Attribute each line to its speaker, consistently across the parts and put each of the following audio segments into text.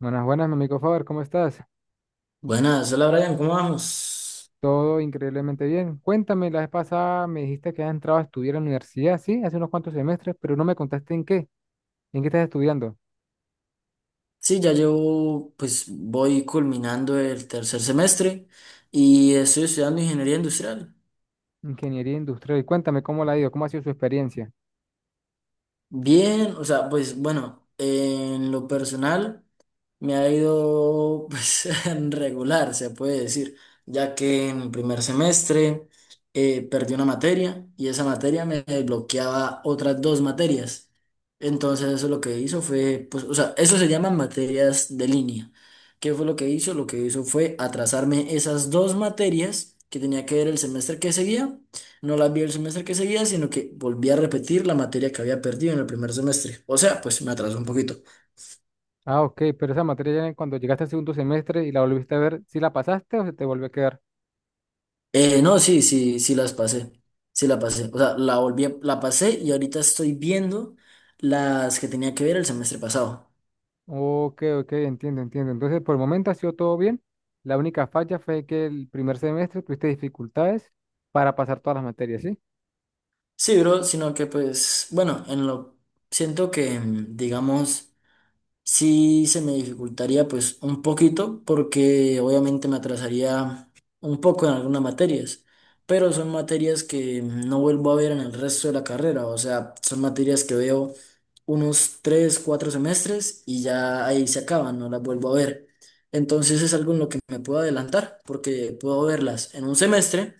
Speaker 1: Buenas, buenas, mi amigo Faber, ¿cómo estás?
Speaker 2: Buenas, hola Brian, ¿cómo vamos?
Speaker 1: Todo increíblemente bien. Cuéntame, la vez pasada me dijiste que has entrado a estudiar a la universidad, sí, hace unos cuantos semestres, pero no me contaste en qué estás estudiando.
Speaker 2: Sí, ya llevo, pues voy culminando el tercer semestre y estoy estudiando ingeniería industrial.
Speaker 1: Ingeniería industrial. Cuéntame cómo la ha ido, cómo ha sido su experiencia.
Speaker 2: Bien, o sea, pues bueno, en lo personal. Me ha ido pues regular, se puede decir, ya que en el primer semestre perdí una materia y esa materia me bloqueaba otras dos materias. Entonces eso lo que hizo fue, pues, o sea, eso se llaman materias de línea. ¿Qué fue lo que hizo? Lo que hizo fue atrasarme esas dos materias que tenía que ver el semestre que seguía. No las vi el semestre que seguía, sino que volví a repetir la materia que había perdido en el primer semestre. O sea, pues me atrasó un poquito.
Speaker 1: Ah, ok, pero esa materia ya cuando llegaste al segundo semestre y la volviste a ver, ¿sí la pasaste o se te volvió a quedar?
Speaker 2: No, sí, sí, sí las pasé. Sí la pasé. O sea, la volví, la pasé y ahorita estoy viendo las que tenía que ver el semestre pasado.
Speaker 1: Ok, ok, entiendo, entiendo. Entonces, por el momento ha sido todo bien. La única falla fue que el primer semestre tuviste dificultades para pasar todas las materias, ¿sí?
Speaker 2: Sí, bro, sino que pues, bueno, en lo siento que, digamos, sí se me dificultaría pues un poquito porque obviamente me atrasaría un poco en algunas materias, pero son materias que no vuelvo a ver en el resto de la carrera, o sea, son materias que veo unos tres, cuatro semestres y ya ahí se acaban, no las vuelvo a ver. Entonces es algo en lo que me puedo adelantar porque puedo verlas en un semestre.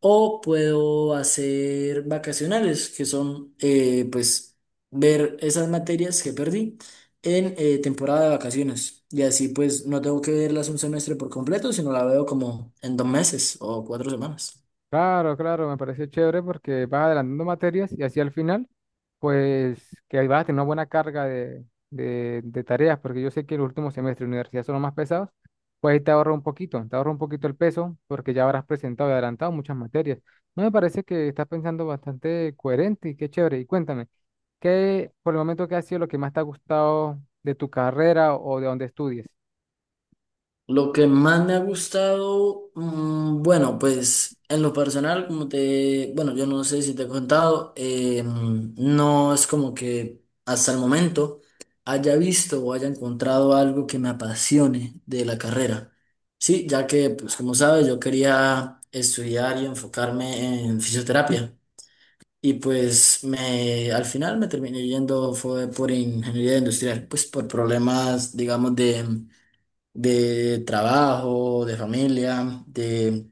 Speaker 2: O puedo hacer vacacionales, que son pues ver esas materias que perdí en temporada de vacaciones. Y así pues no tengo que verlas un semestre por completo, sino la veo como en 2 meses o 4 semanas.
Speaker 1: Claro, claro, me pareció chévere porque vas adelantando materias y así al final, pues que ahí vas a tener una buena carga de, de tareas, porque yo sé que los últimos semestres de universidad son los más pesados, pues ahí te ahorra un poquito, te ahorra un poquito el peso porque ya habrás presentado y adelantado muchas materias. No me parece que estás pensando bastante coherente y qué chévere. Y cuéntame, ¿qué por el momento qué ha sido lo que más te ha gustado de tu carrera o de donde estudies?
Speaker 2: Lo que más me ha gustado, bueno, pues en lo personal, bueno, yo no sé si te he contado, no es como que hasta el momento haya visto o haya encontrado algo que me apasione de la carrera. Sí, ya que, pues como sabes, yo quería estudiar y enfocarme en fisioterapia. Y pues al final me terminé yendo fue por ingeniería industrial, pues por problemas, digamos, de trabajo, de familia, de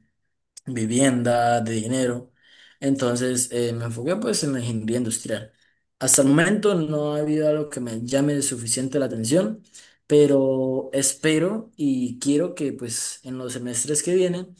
Speaker 2: vivienda, de dinero. Entonces me enfoqué pues en la ingeniería industrial. Hasta el momento no ha habido algo que me llame suficiente la atención, pero espero y quiero que pues en los semestres que vienen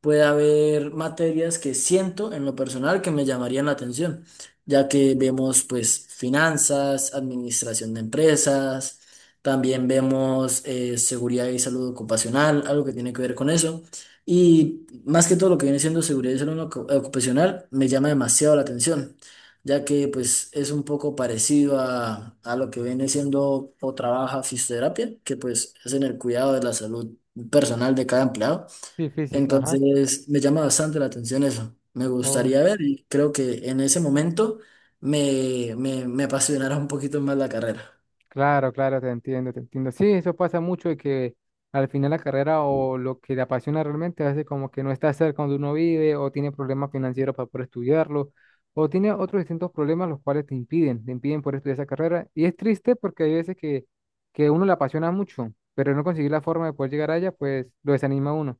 Speaker 2: puede haber materias que siento en lo personal que me llamarían la atención, ya que vemos pues finanzas, administración de empresas, también vemos seguridad y salud ocupacional, algo que tiene que ver con eso. Y más que todo lo que viene siendo seguridad y salud ocupacional me llama demasiado la atención, ya que pues es un poco parecido a lo que viene siendo o trabaja fisioterapia, que pues es en el cuidado de la salud personal de cada empleado.
Speaker 1: Sí, física,
Speaker 2: Entonces me llama bastante la atención eso. Me
Speaker 1: ajá.
Speaker 2: gustaría ver y creo que en ese momento me apasionará un poquito más la carrera.
Speaker 1: Claro, claro, te entiendo, te entiendo. Sí, eso pasa mucho de que al final la carrera o lo que le apasiona realmente a veces como que no está cerca donde uno vive o tiene problemas financieros para poder estudiarlo o tiene otros distintos problemas los cuales te impiden poder estudiar esa carrera. Y es triste porque hay veces que uno le apasiona mucho, pero no conseguir la forma de poder llegar allá, pues lo desanima a uno.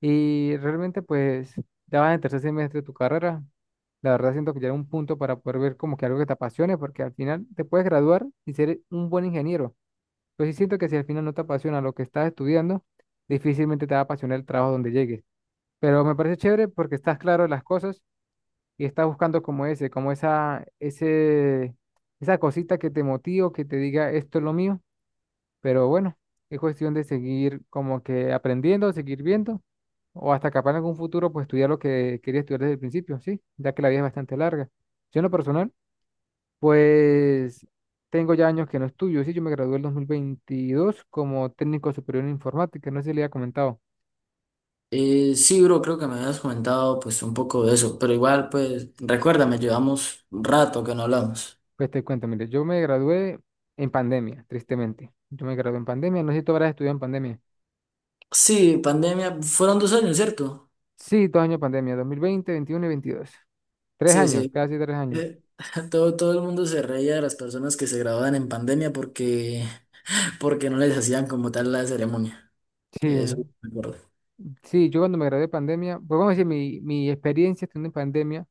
Speaker 1: Y realmente pues ya vas en tercer semestre de tu carrera, la verdad siento que ya era un punto para poder ver como que algo que te apasione, porque al final te puedes graduar y ser un buen ingeniero. Pero sí siento que si al final no te apasiona lo que estás estudiando, difícilmente te va a apasionar el trabajo donde llegues. Pero me parece chévere porque estás claro de las cosas y estás buscando como ese, como esa, esa cosita que te motive que te diga esto es lo mío. Pero bueno, es cuestión de seguir como que aprendiendo, seguir viendo, o hasta capaz en algún futuro, pues estudiar lo que quería estudiar desde el principio, sí, ya que la vida es bastante larga. Yo en lo personal, pues tengo ya años que no estudio, sí, yo me gradué en 2022 como técnico superior en informática, no sé si le había comentado.
Speaker 2: Sí, bro, creo que me habías comentado pues un poco de eso, pero igual pues recuérdame, llevamos un rato que no hablamos.
Speaker 1: Pues te cuento, mire, yo me gradué en pandemia, tristemente. Yo me gradué en pandemia, no sé si tú habrás estudiado en pandemia.
Speaker 2: Sí, pandemia, fueron 2 años, ¿cierto?
Speaker 1: Sí, dos años de pandemia, 2020, 21 y veintidós. Tres
Speaker 2: Sí,
Speaker 1: años,
Speaker 2: sí.
Speaker 1: casi tres años.
Speaker 2: Eh, todo, todo el mundo se reía de las personas que se graduaban en pandemia porque no les hacían como tal la ceremonia.
Speaker 1: Sí,
Speaker 2: Que eso me acuerdo.
Speaker 1: sí, yo cuando me gradué de pandemia, pues vamos a decir, mi experiencia estando en pandemia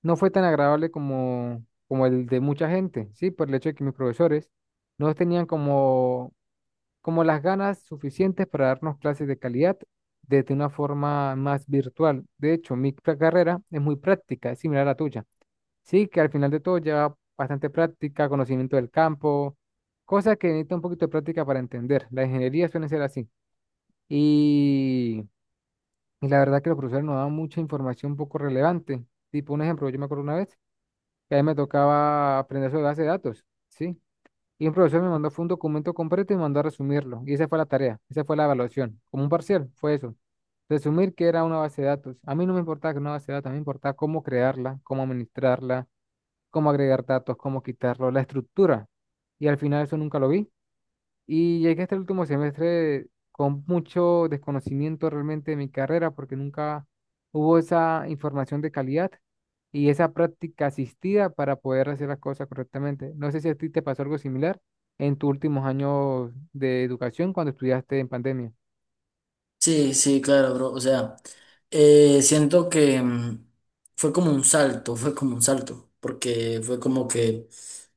Speaker 1: no fue tan agradable como, como el de mucha gente, ¿sí? Por el hecho de que mis profesores no tenían como, como las ganas suficientes para darnos clases de calidad desde una forma más virtual. De hecho, carrera es muy práctica, es similar a la tuya, ¿sí? Que al final de todo lleva bastante práctica, conocimiento del campo, cosas que necesita un poquito de práctica para entender. La ingeniería suele ser así. Y... Y la verdad que los profesores nos daban mucha información poco relevante. Tipo, un ejemplo, yo me acuerdo una vez que a mí me tocaba aprender sobre base de datos, ¿sí? Y un profesor me mandó fue un documento completo y me mandó a resumirlo. Y esa fue la tarea, esa fue la evaluación. Como un parcial, fue eso. Resumir qué era una base de datos. A mí no me importaba que era una base de datos, a mí me importaba cómo crearla, cómo administrarla, cómo agregar datos, cómo quitarlo, la estructura. Y al final eso nunca lo vi. Y llegué hasta el último semestre con mucho desconocimiento realmente de mi carrera, porque nunca hubo esa información de calidad y esa práctica asistida para poder hacer las cosas correctamente. No sé si a ti te pasó algo similar en tus últimos años de educación cuando estudiaste en pandemia.
Speaker 2: Sí, sí, claro, bro. O sea, siento que fue como un salto, porque fue como que,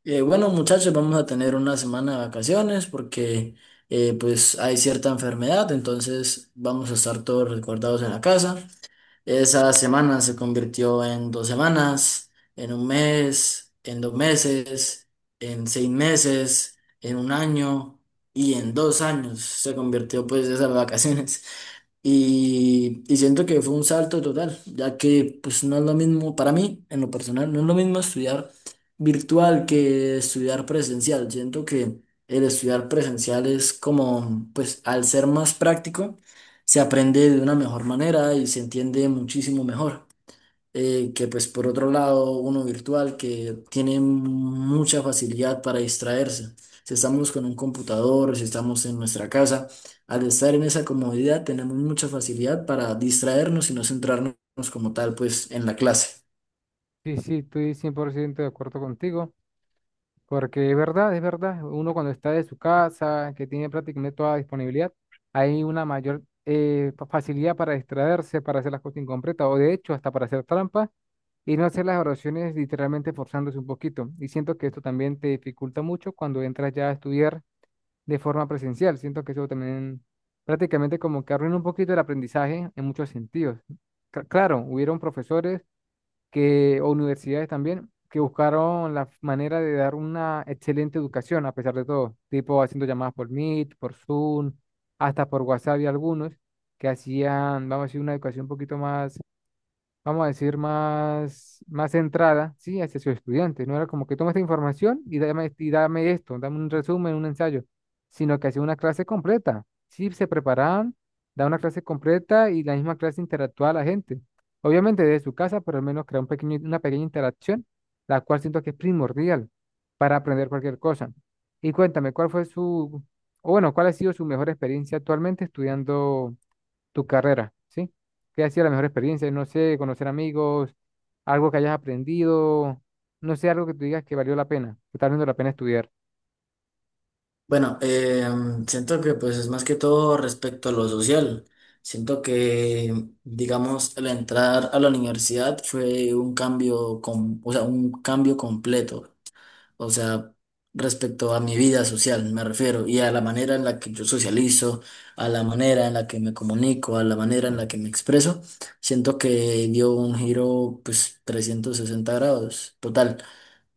Speaker 2: bueno, muchachos, vamos a tener una semana de vacaciones porque pues hay cierta enfermedad, entonces vamos a estar todos resguardados en la casa. Esa semana se convirtió en 2 semanas, en un mes, en 2 meses, en 6 meses, en un año y en 2 años se convirtió pues esas vacaciones. Y siento que fue un salto total, ya que pues no es lo mismo, para mí, en lo personal, no es lo mismo estudiar virtual que estudiar presencial. Siento que el estudiar presencial es como, pues al ser más práctico, se aprende de una mejor manera y se entiende muchísimo mejor que pues por otro lado uno virtual que tiene mucha facilidad para distraerse. Si estamos con un computador, si estamos en nuestra casa, al estar en esa comodidad tenemos mucha facilidad para distraernos y no centrarnos como tal pues en la clase.
Speaker 1: Sí, sí, estoy 100% de acuerdo contigo. Porque es verdad, uno cuando está de su casa, que tiene prácticamente toda disponibilidad, hay una mayor facilidad para distraerse, para hacer las cosas incompletas, o de hecho hasta para hacer trampas y no hacer las oraciones literalmente forzándose un poquito. Y siento que esto también te dificulta mucho cuando entras ya a estudiar de forma presencial. Siento que eso también prácticamente como que arruina un poquito el aprendizaje en muchos sentidos. Claro, hubieron profesores que, o universidades también, que buscaron la manera de dar una excelente educación a pesar de todo, tipo haciendo llamadas por Meet, por Zoom, hasta por WhatsApp y algunos que hacían, vamos a decir, una educación un poquito más vamos a decir, más, más centrada, ¿sí? Hacia su estudiante. No era como que toma esta información y dame esto, dame un resumen, un ensayo, sino que hacía una clase completa. Sí, se preparaban, da una clase completa y la misma clase interactuaba a la gente. Obviamente desde su casa, pero al menos crea un pequeño, una pequeña interacción, la cual siento que es primordial para aprender cualquier cosa. Y cuéntame, ¿cuál fue su, o bueno, cuál ha sido su mejor experiencia actualmente estudiando tu carrera, ¿sí? ¿Qué ha sido la mejor experiencia? No sé, conocer amigos, algo que hayas aprendido, no sé, algo que tú digas que valió la pena, que está valiendo la pena estudiar.
Speaker 2: Bueno, siento que pues es más que todo respecto a lo social. Siento que, digamos, al entrar a la universidad fue un cambio, o sea, un cambio completo. O sea, respecto a mi vida social, me refiero, y a la manera en la que yo socializo, a la manera en la que me comunico, a la manera en la que me expreso, siento que dio un giro, pues, 360°. Total,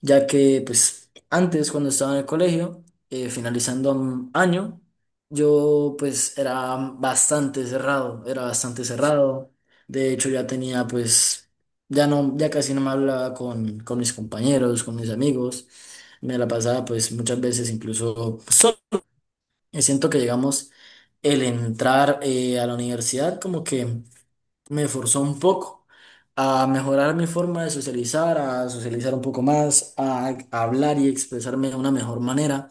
Speaker 2: ya que pues antes cuando estaba en el colegio, finalizando un año, yo pues era bastante cerrado, de hecho ya tenía pues, ya no, ya casi no me hablaba con mis compañeros, con mis amigos, me la pasaba pues muchas veces incluso solo, y siento que llegamos el entrar a la universidad como que me forzó un poco a mejorar mi forma de socializar, a socializar un poco más, a hablar y expresarme de una mejor manera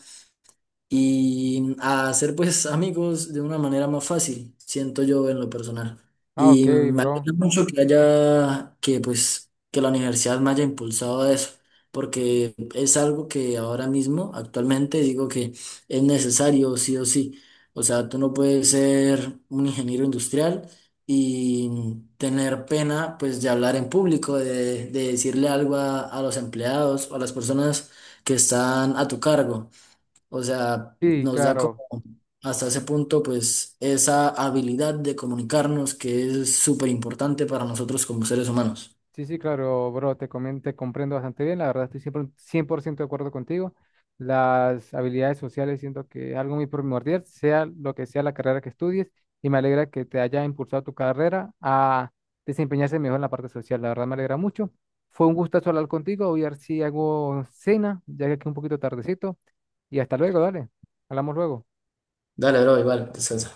Speaker 2: y a hacer pues amigos de una manera más fácil, siento yo en lo personal.
Speaker 1: Ah, ok,
Speaker 2: Y me
Speaker 1: bro.
Speaker 2: alegra mucho que haya, que pues, que la universidad me haya impulsado a eso, porque es algo que ahora mismo, actualmente, digo que es necesario sí o sí. O sea, tú no puedes ser un ingeniero industrial y tener pena pues de hablar en público, de decirle algo a los empleados o a las personas que están a tu cargo. O sea,
Speaker 1: Sí,
Speaker 2: nos da como
Speaker 1: claro.
Speaker 2: hasta ese punto, pues, esa habilidad de comunicarnos que es súper importante para nosotros como seres humanos.
Speaker 1: Sí, sí, claro, bro, te comento, te comprendo bastante bien. La verdad, estoy siempre 100% de acuerdo contigo. Las habilidades sociales siento que es algo muy primordial, sea lo que sea la carrera que estudies, y me alegra que te haya impulsado tu carrera a desempeñarse mejor en la parte social. La verdad, me alegra mucho. Fue un gustazo hablar contigo. Voy a ver si hago cena, ya que aquí es un poquito tardecito. Y hasta luego, dale. Hablamos luego.
Speaker 2: Dale, bro, igual, descansa.